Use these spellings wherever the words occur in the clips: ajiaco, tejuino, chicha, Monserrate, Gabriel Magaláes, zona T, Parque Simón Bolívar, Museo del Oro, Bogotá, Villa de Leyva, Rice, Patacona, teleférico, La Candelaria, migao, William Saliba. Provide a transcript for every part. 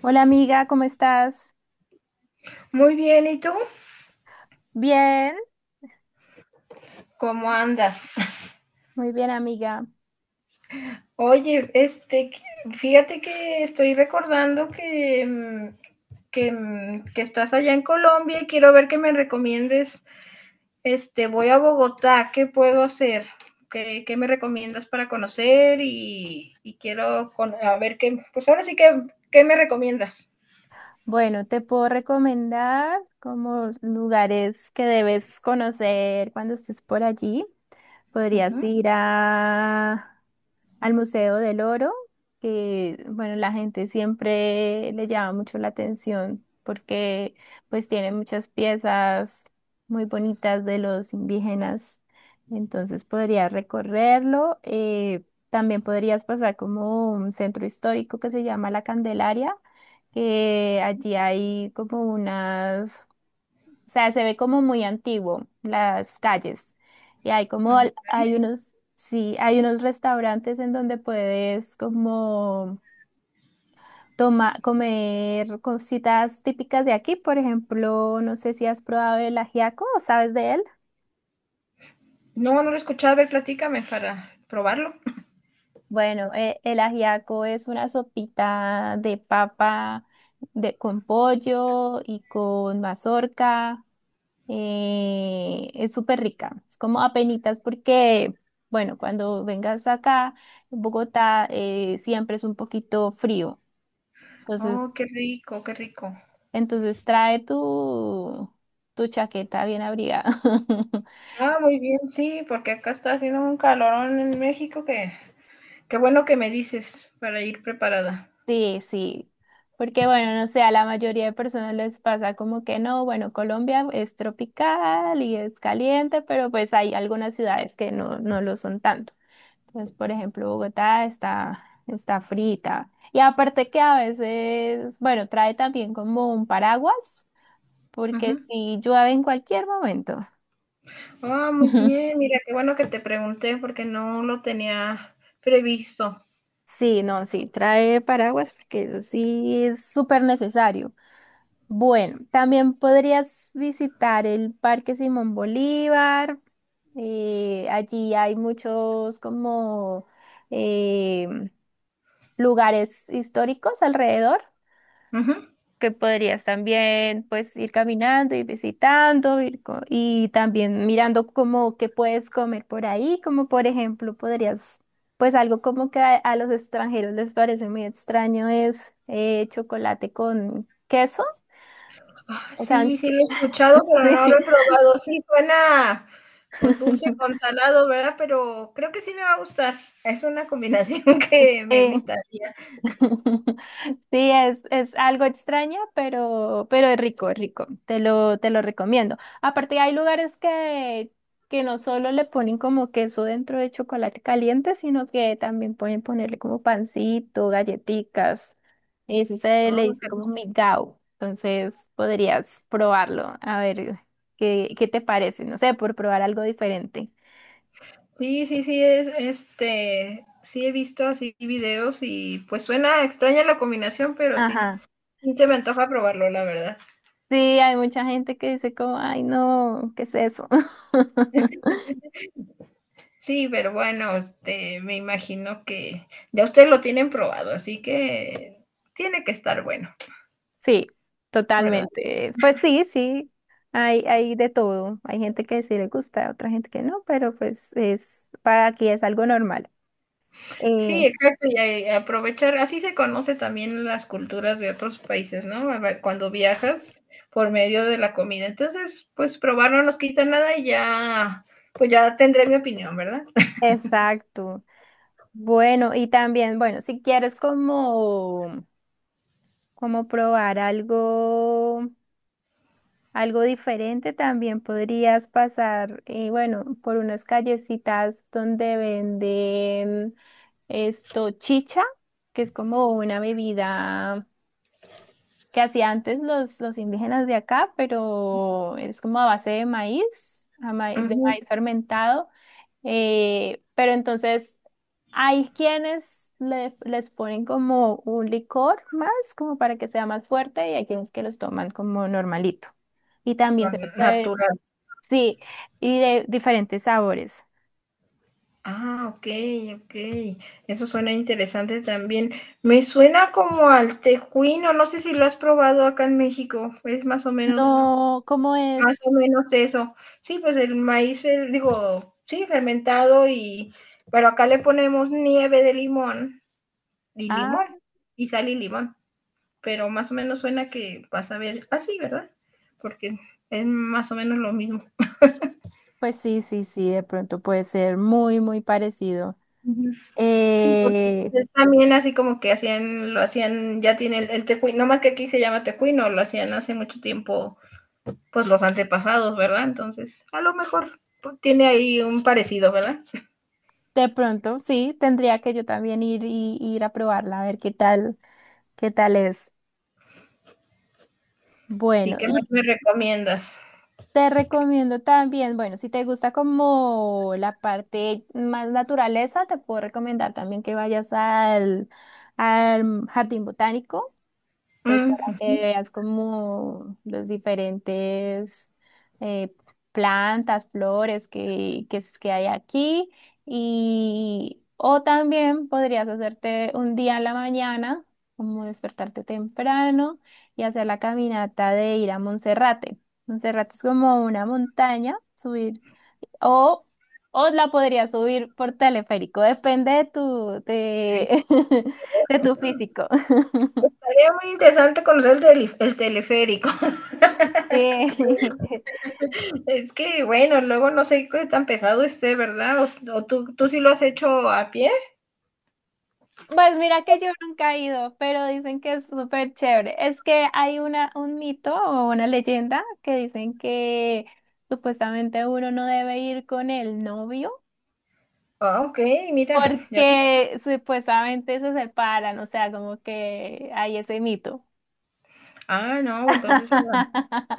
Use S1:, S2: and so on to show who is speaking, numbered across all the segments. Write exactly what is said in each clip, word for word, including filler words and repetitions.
S1: Hola amiga, ¿cómo estás?
S2: Muy bien, ¿y tú?
S1: Bien.
S2: ¿Cómo andas?
S1: Muy bien amiga.
S2: Oye, este, fíjate que estoy recordando que, mm, que, mm, que estás allá en Colombia y quiero ver que me recomiendes, este, voy a Bogotá, ¿qué puedo hacer? ¿Qué, qué me recomiendas para conocer? Y, y quiero con- a ver qué, pues ahora sí que, ¿qué me recomiendas?
S1: Bueno, te puedo recomendar como lugares que debes conocer cuando estés por allí. Podrías
S2: Ujú.
S1: ir a al Museo del Oro, que bueno, la gente siempre le llama mucho la atención porque pues tiene muchas piezas muy bonitas de los indígenas. Entonces podrías recorrerlo. Eh, también podrías pasar como un centro histórico que se llama La Candelaria, que allí hay como unas o sea, se ve como muy antiguo las calles. Y hay como, al- hay unos, sí, hay unos restaurantes en donde puedes como toma, comer cositas típicas de aquí. Por ejemplo, no sé si has probado el ajiaco o sabes de él.
S2: No, no lo he escuchado, a ver, platícame para probarlo.
S1: Bueno, eh, el ajiaco es una sopita de papa de, con pollo y con mazorca. Eh, es súper rica. Es como apenitas porque, bueno, cuando vengas acá, en Bogotá, eh, siempre es un poquito frío. Entonces,
S2: Oh, qué rico, qué rico.
S1: entonces trae tu, tu chaqueta bien abrigada.
S2: Ah, muy bien, sí, porque acá está haciendo un calorón en México que qué bueno que me dices para ir preparada.
S1: Sí, sí. Porque, bueno, no sé, a la mayoría de personas les pasa como que no, bueno, Colombia es tropical y es caliente, pero pues hay algunas ciudades que no, no lo son tanto. Pues, por ejemplo, Bogotá está, está frita. Y aparte que a veces, bueno, trae también como un paraguas, porque
S2: Ujú.
S1: si llueve en cualquier momento.
S2: Ah, muy bien, mira, qué bueno que te pregunté porque no lo tenía previsto.
S1: Sí, no, sí, trae paraguas porque eso sí es súper necesario. Bueno, también podrías visitar el Parque Simón Bolívar. Eh, allí hay muchos como eh, lugares históricos alrededor.
S2: Ujú.
S1: Que podrías también pues ir caminando, ir visitando, ir co- y también mirando como que puedes comer por ahí, como por ejemplo podrías, pues algo como que a, a los extranjeros les parece muy extraño es eh, chocolate con queso,
S2: Ah,
S1: o sea,
S2: sí, sí lo he escuchado, pero
S1: sí.
S2: no lo he probado. Sí, suena pues dulce con salado, ¿verdad? Pero creo que sí me va a gustar. Es una combinación que me
S1: Eh,
S2: gustaría.
S1: Sí, es, es algo extraña, pero, pero es rico, es rico. Te lo, te lo recomiendo. Aparte, hay lugares que, que no solo le ponen como queso dentro de chocolate caliente, sino que también pueden ponerle como pancito, galletitas. Y eso se
S2: Ah,
S1: le dice
S2: qué.
S1: como migao. Entonces, podrías probarlo, a ver qué, qué te parece. No sé, por probar algo diferente.
S2: Sí, sí, sí, es, este, sí he visto así videos y pues suena extraña la combinación, pero sí,
S1: Ajá.
S2: sí se me antoja probarlo, la verdad.
S1: Sí, hay mucha gente que dice como, ay, no, ¿qué es eso?
S2: Sí, pero bueno, este, me imagino que ya ustedes lo tienen probado, así que tiene que estar bueno,
S1: Sí,
S2: ¿verdad?
S1: totalmente. Pues sí, sí, hay, hay de todo. Hay gente que sí le gusta, otra gente que no, pero pues es, para aquí es algo normal.
S2: Sí,
S1: Eh,
S2: exacto, y a- a aprovechar, así se conoce también las culturas de otros países, ¿no? A ver, cuando viajas por medio de la comida. Entonces, pues probar no nos quita nada y ya, pues ya tendré mi opinión, ¿verdad?
S1: exacto. Bueno, y también, bueno, si quieres como, como probar algo, algo diferente, también podrías pasar, eh, bueno, por unas callecitas donde venden esto, chicha, que es como una bebida. Que hacía antes los, los indígenas de acá, pero es como a base de maíz, a ma- de maíz fermentado. Eh, pero entonces hay quienes le- les ponen como un licor más, como para que sea más fuerte, y hay quienes que los toman como normalito. Y también
S2: Ah,
S1: se puede,
S2: natural.
S1: sí, y de diferentes sabores.
S2: Ah, ok, ok. Eso suena interesante también. Me suena como al tejuino, no sé si lo has probado acá en México, es más o menos,
S1: No, ¿cómo
S2: más
S1: es?
S2: o menos eso. Sí, pues el maíz, eh, digo, sí, fermentado y, pero acá le ponemos nieve de limón y
S1: Ah,
S2: limón, y sal y limón, pero más o menos suena que vas a ver así, ¿verdad? Porque es más o menos lo mismo.
S1: pues sí, sí, sí, de pronto puede ser muy, muy parecido.
S2: Sí, porque pues,
S1: Eh,
S2: es también así como que hacían, lo hacían, ya tiene el, el tecuino, no más que aquí se llama tecuino, lo hacían hace mucho tiempo, pues los antepasados, ¿verdad? Entonces, a lo mejor pues, tiene ahí un parecido, ¿verdad?
S1: De pronto, sí, tendría que yo también ir y ir a probarla, a ver qué tal, qué tal es.
S2: Y
S1: Bueno,
S2: qué más
S1: y
S2: me recomiendas.
S1: te recomiendo también, bueno, si te gusta como la parte más naturaleza, te puedo recomendar también que vayas al, al jardín botánico. Pues
S2: Mm,
S1: para que
S2: ujú.
S1: veas como los diferentes eh, plantas, flores que, que, es- que hay aquí. Y, o también podrías hacerte un día a la mañana, como despertarte temprano y hacer la caminata de ir a Monserrate. Monserrate es como una montaña, subir, o, o la podrías subir por teleférico, depende de tu, de, de tu físico.
S2: Sería muy interesante conocer el, tele- el teleférico.
S1: Sí.
S2: Es que, bueno, luego no sé qué tan pesado esté, ¿verdad? O, o tú, tú sí lo has hecho a pie.
S1: Pues mira que yo nunca he ido, pero dicen que es súper chévere. Es que hay una, un mito o una leyenda que dicen que supuestamente uno no debe ir con el novio
S2: Ah, ok, mira. ya-
S1: porque supuestamente se separan, o sea, como que hay ese mito.
S2: Ah, no, entonces, bueno,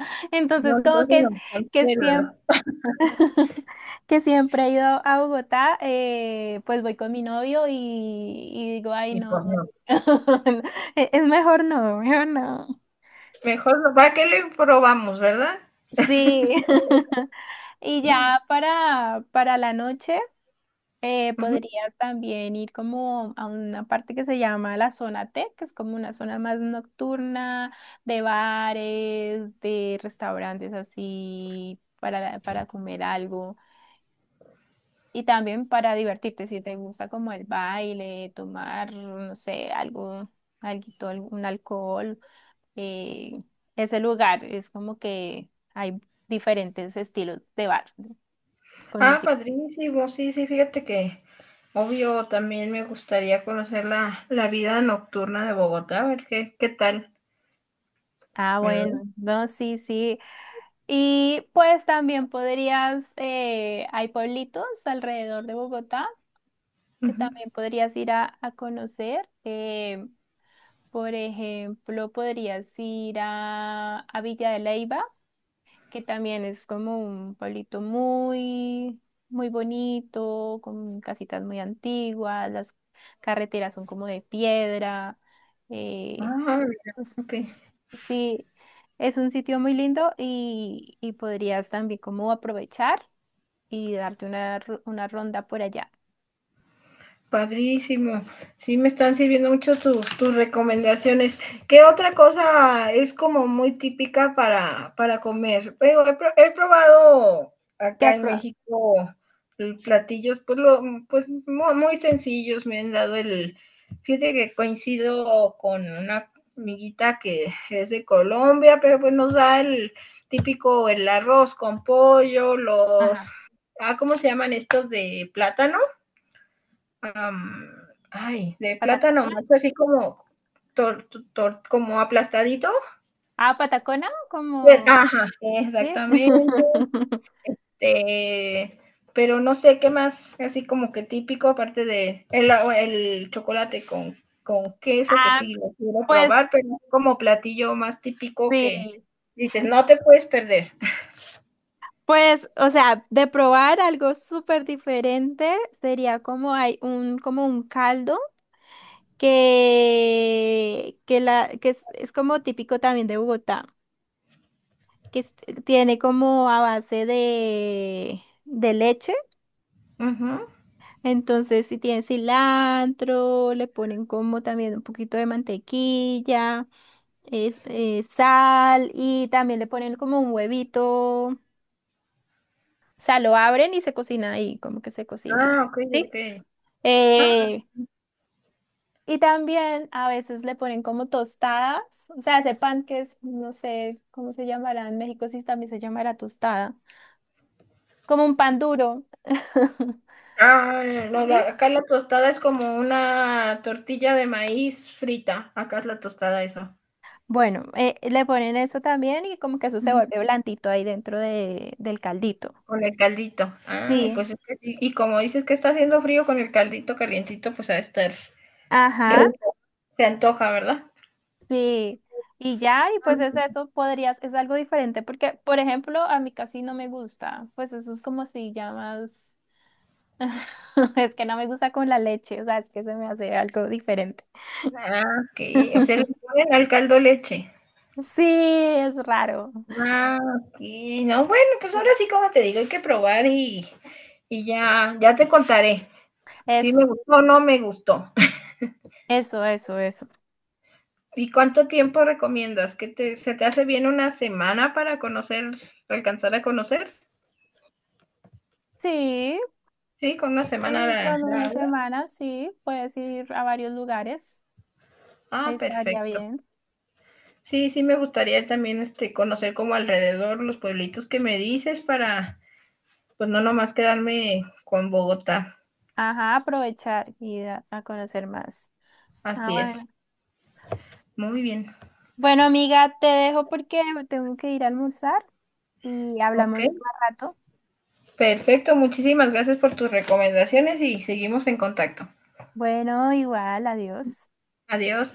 S2: no,
S1: Entonces, como
S2: entonces no,
S1: que, que
S2: cancélalo.
S1: siempre... que siempre he ido a Bogotá, eh, pues voy con mi novio y, y digo, ay,
S2: Y pues
S1: no,
S2: no.
S1: es es mejor no, mejor no.
S2: Mejor, no- ¿para qué le probamos, verdad?
S1: Sí. Y ya para, para la noche eh,
S2: Ujú.
S1: podría también ir como a una parte que se llama la zona T, que es como una zona más nocturna de bares, de restaurantes así para, para comer algo. Y también para divertirte, si te gusta como el baile, tomar, no sé, algo, alguito, algún alcohol, eh, ese lugar es como que hay diferentes estilos de bar con
S2: Ah,
S1: música.
S2: padrísimo, sí, sí, fíjate que obvio también me gustaría conocer la, la vida nocturna de Bogotá, a ver qué, qué tal,
S1: Ah, bueno,
S2: ¿verdad?
S1: no, sí, sí. Y pues también podrías, eh, hay pueblitos alrededor de Bogotá que
S2: Ujú.
S1: también podrías ir a, a conocer. Eh, por ejemplo, podrías ir a, a Villa de Leyva que también es como un pueblito muy, muy bonito, con casitas muy antiguas, las carreteras son como de piedra. eh,
S2: Ah, mira,
S1: pues,
S2: ok.
S1: sí, es un sitio muy lindo y, y podrías también como aprovechar y darte una, ro- una ronda por allá.
S2: Padrísimo. Sí, me están sirviendo mucho tus, tus recomendaciones. ¿Qué otra cosa es como muy típica para, para comer? Pero he, pro- he probado
S1: ¿Qué
S2: acá
S1: has
S2: en
S1: probado?
S2: México el platillos, pues, lo, pues mu- muy sencillos. Me han dado el... Fíjate que coincido con una amiguita que es de Colombia, pero pues nos da el típico, el arroz con pollo, los...
S1: Ajá.
S2: Ah, ¿cómo se llaman estos de plátano? am, ay, de plátano
S1: ¿Patacona?
S2: macho, así como, tor- tor- como aplastadito.
S1: Ah, Patacona,
S2: Pero,
S1: como...
S2: ajá,
S1: Sí.
S2: exactamente. eh, pero no sé qué más, así como que típico, aparte de el, el chocolate con, con queso, que
S1: Ah,
S2: sí lo quiero
S1: pues
S2: probar, pero es como platillo más típico que
S1: sí.
S2: dices, no te puedes perder.
S1: Pues, o sea, de probar algo súper diferente sería como hay un, como un caldo que, que, la, que es, es como típico también de Bogotá, que es- tiene como a base de, de leche.
S2: Ujú.
S1: Entonces, si tiene cilantro, le ponen como también un poquito de mantequilla, es, eh, sal y también le ponen como un huevito. O sea, lo abren y se cocina ahí, como que se cocina.
S2: Ah, ok,
S1: ¿Sí?
S2: ok. Ah,
S1: Eh, y también a veces le ponen como tostadas, o sea, ese pan que es, no sé cómo se llamará en México, si también se llamará tostada, como un pan duro.
S2: ah, no, la-
S1: ¿Sí?
S2: acá la tostada es como una tortilla de maíz frita. Acá es la tostada eso,
S1: Bueno, eh, le ponen eso también y como que eso se
S2: ujú,
S1: vuelve blandito ahí dentro de, del caldito.
S2: con el caldito. Ah,
S1: Sí.
S2: pues es que sí. Y como dices que está haciendo frío con el caldito calientito, pues ha de estar
S1: Ajá,
S2: rico. Se antoja, ¿verdad?
S1: sí. Y ya, y
S2: Ah,
S1: pues es
S2: sí.
S1: eso, podrías, es algo diferente, porque, por ejemplo, a mí casi no me gusta, pues eso es como si llamas. Es que no me gusta con la leche, o sea, es que se me hace algo diferente.
S2: Ah, ok. O sea, le ponen al caldo leche.
S1: Sí, es raro.
S2: Ah, ok. No, bueno, pues ahora sí, como te digo, hay que probar y, y ya, ya te contaré si
S1: Eso,
S2: me gustó o no me gustó.
S1: eso, eso, eso.
S2: ¿Y cuánto tiempo recomiendas? ¿Que te, se te hace bien una semana para conocer, para alcanzar a conocer?
S1: Sí,
S2: Sí, con una semana
S1: sí,
S2: la,
S1: con
S2: la
S1: una
S2: hago.
S1: semana, sí, puedes ir a varios lugares,
S2: Ah,
S1: estaría
S2: perfecto.
S1: bien.
S2: Sí, sí me gustaría también este conocer como alrededor los pueblitos que me dices para pues no nomás quedarme con Bogotá.
S1: Ajá, aprovechar y a, a conocer más. Ah,
S2: Así es.
S1: bueno.
S2: Muy bien.
S1: Bueno, amiga, te dejo porque tengo que ir a almorzar y
S2: Ok,
S1: hablamos más rato.
S2: perfecto. Muchísimas gracias por tus recomendaciones y seguimos en contacto.
S1: Bueno, igual, adiós.
S2: Adiós.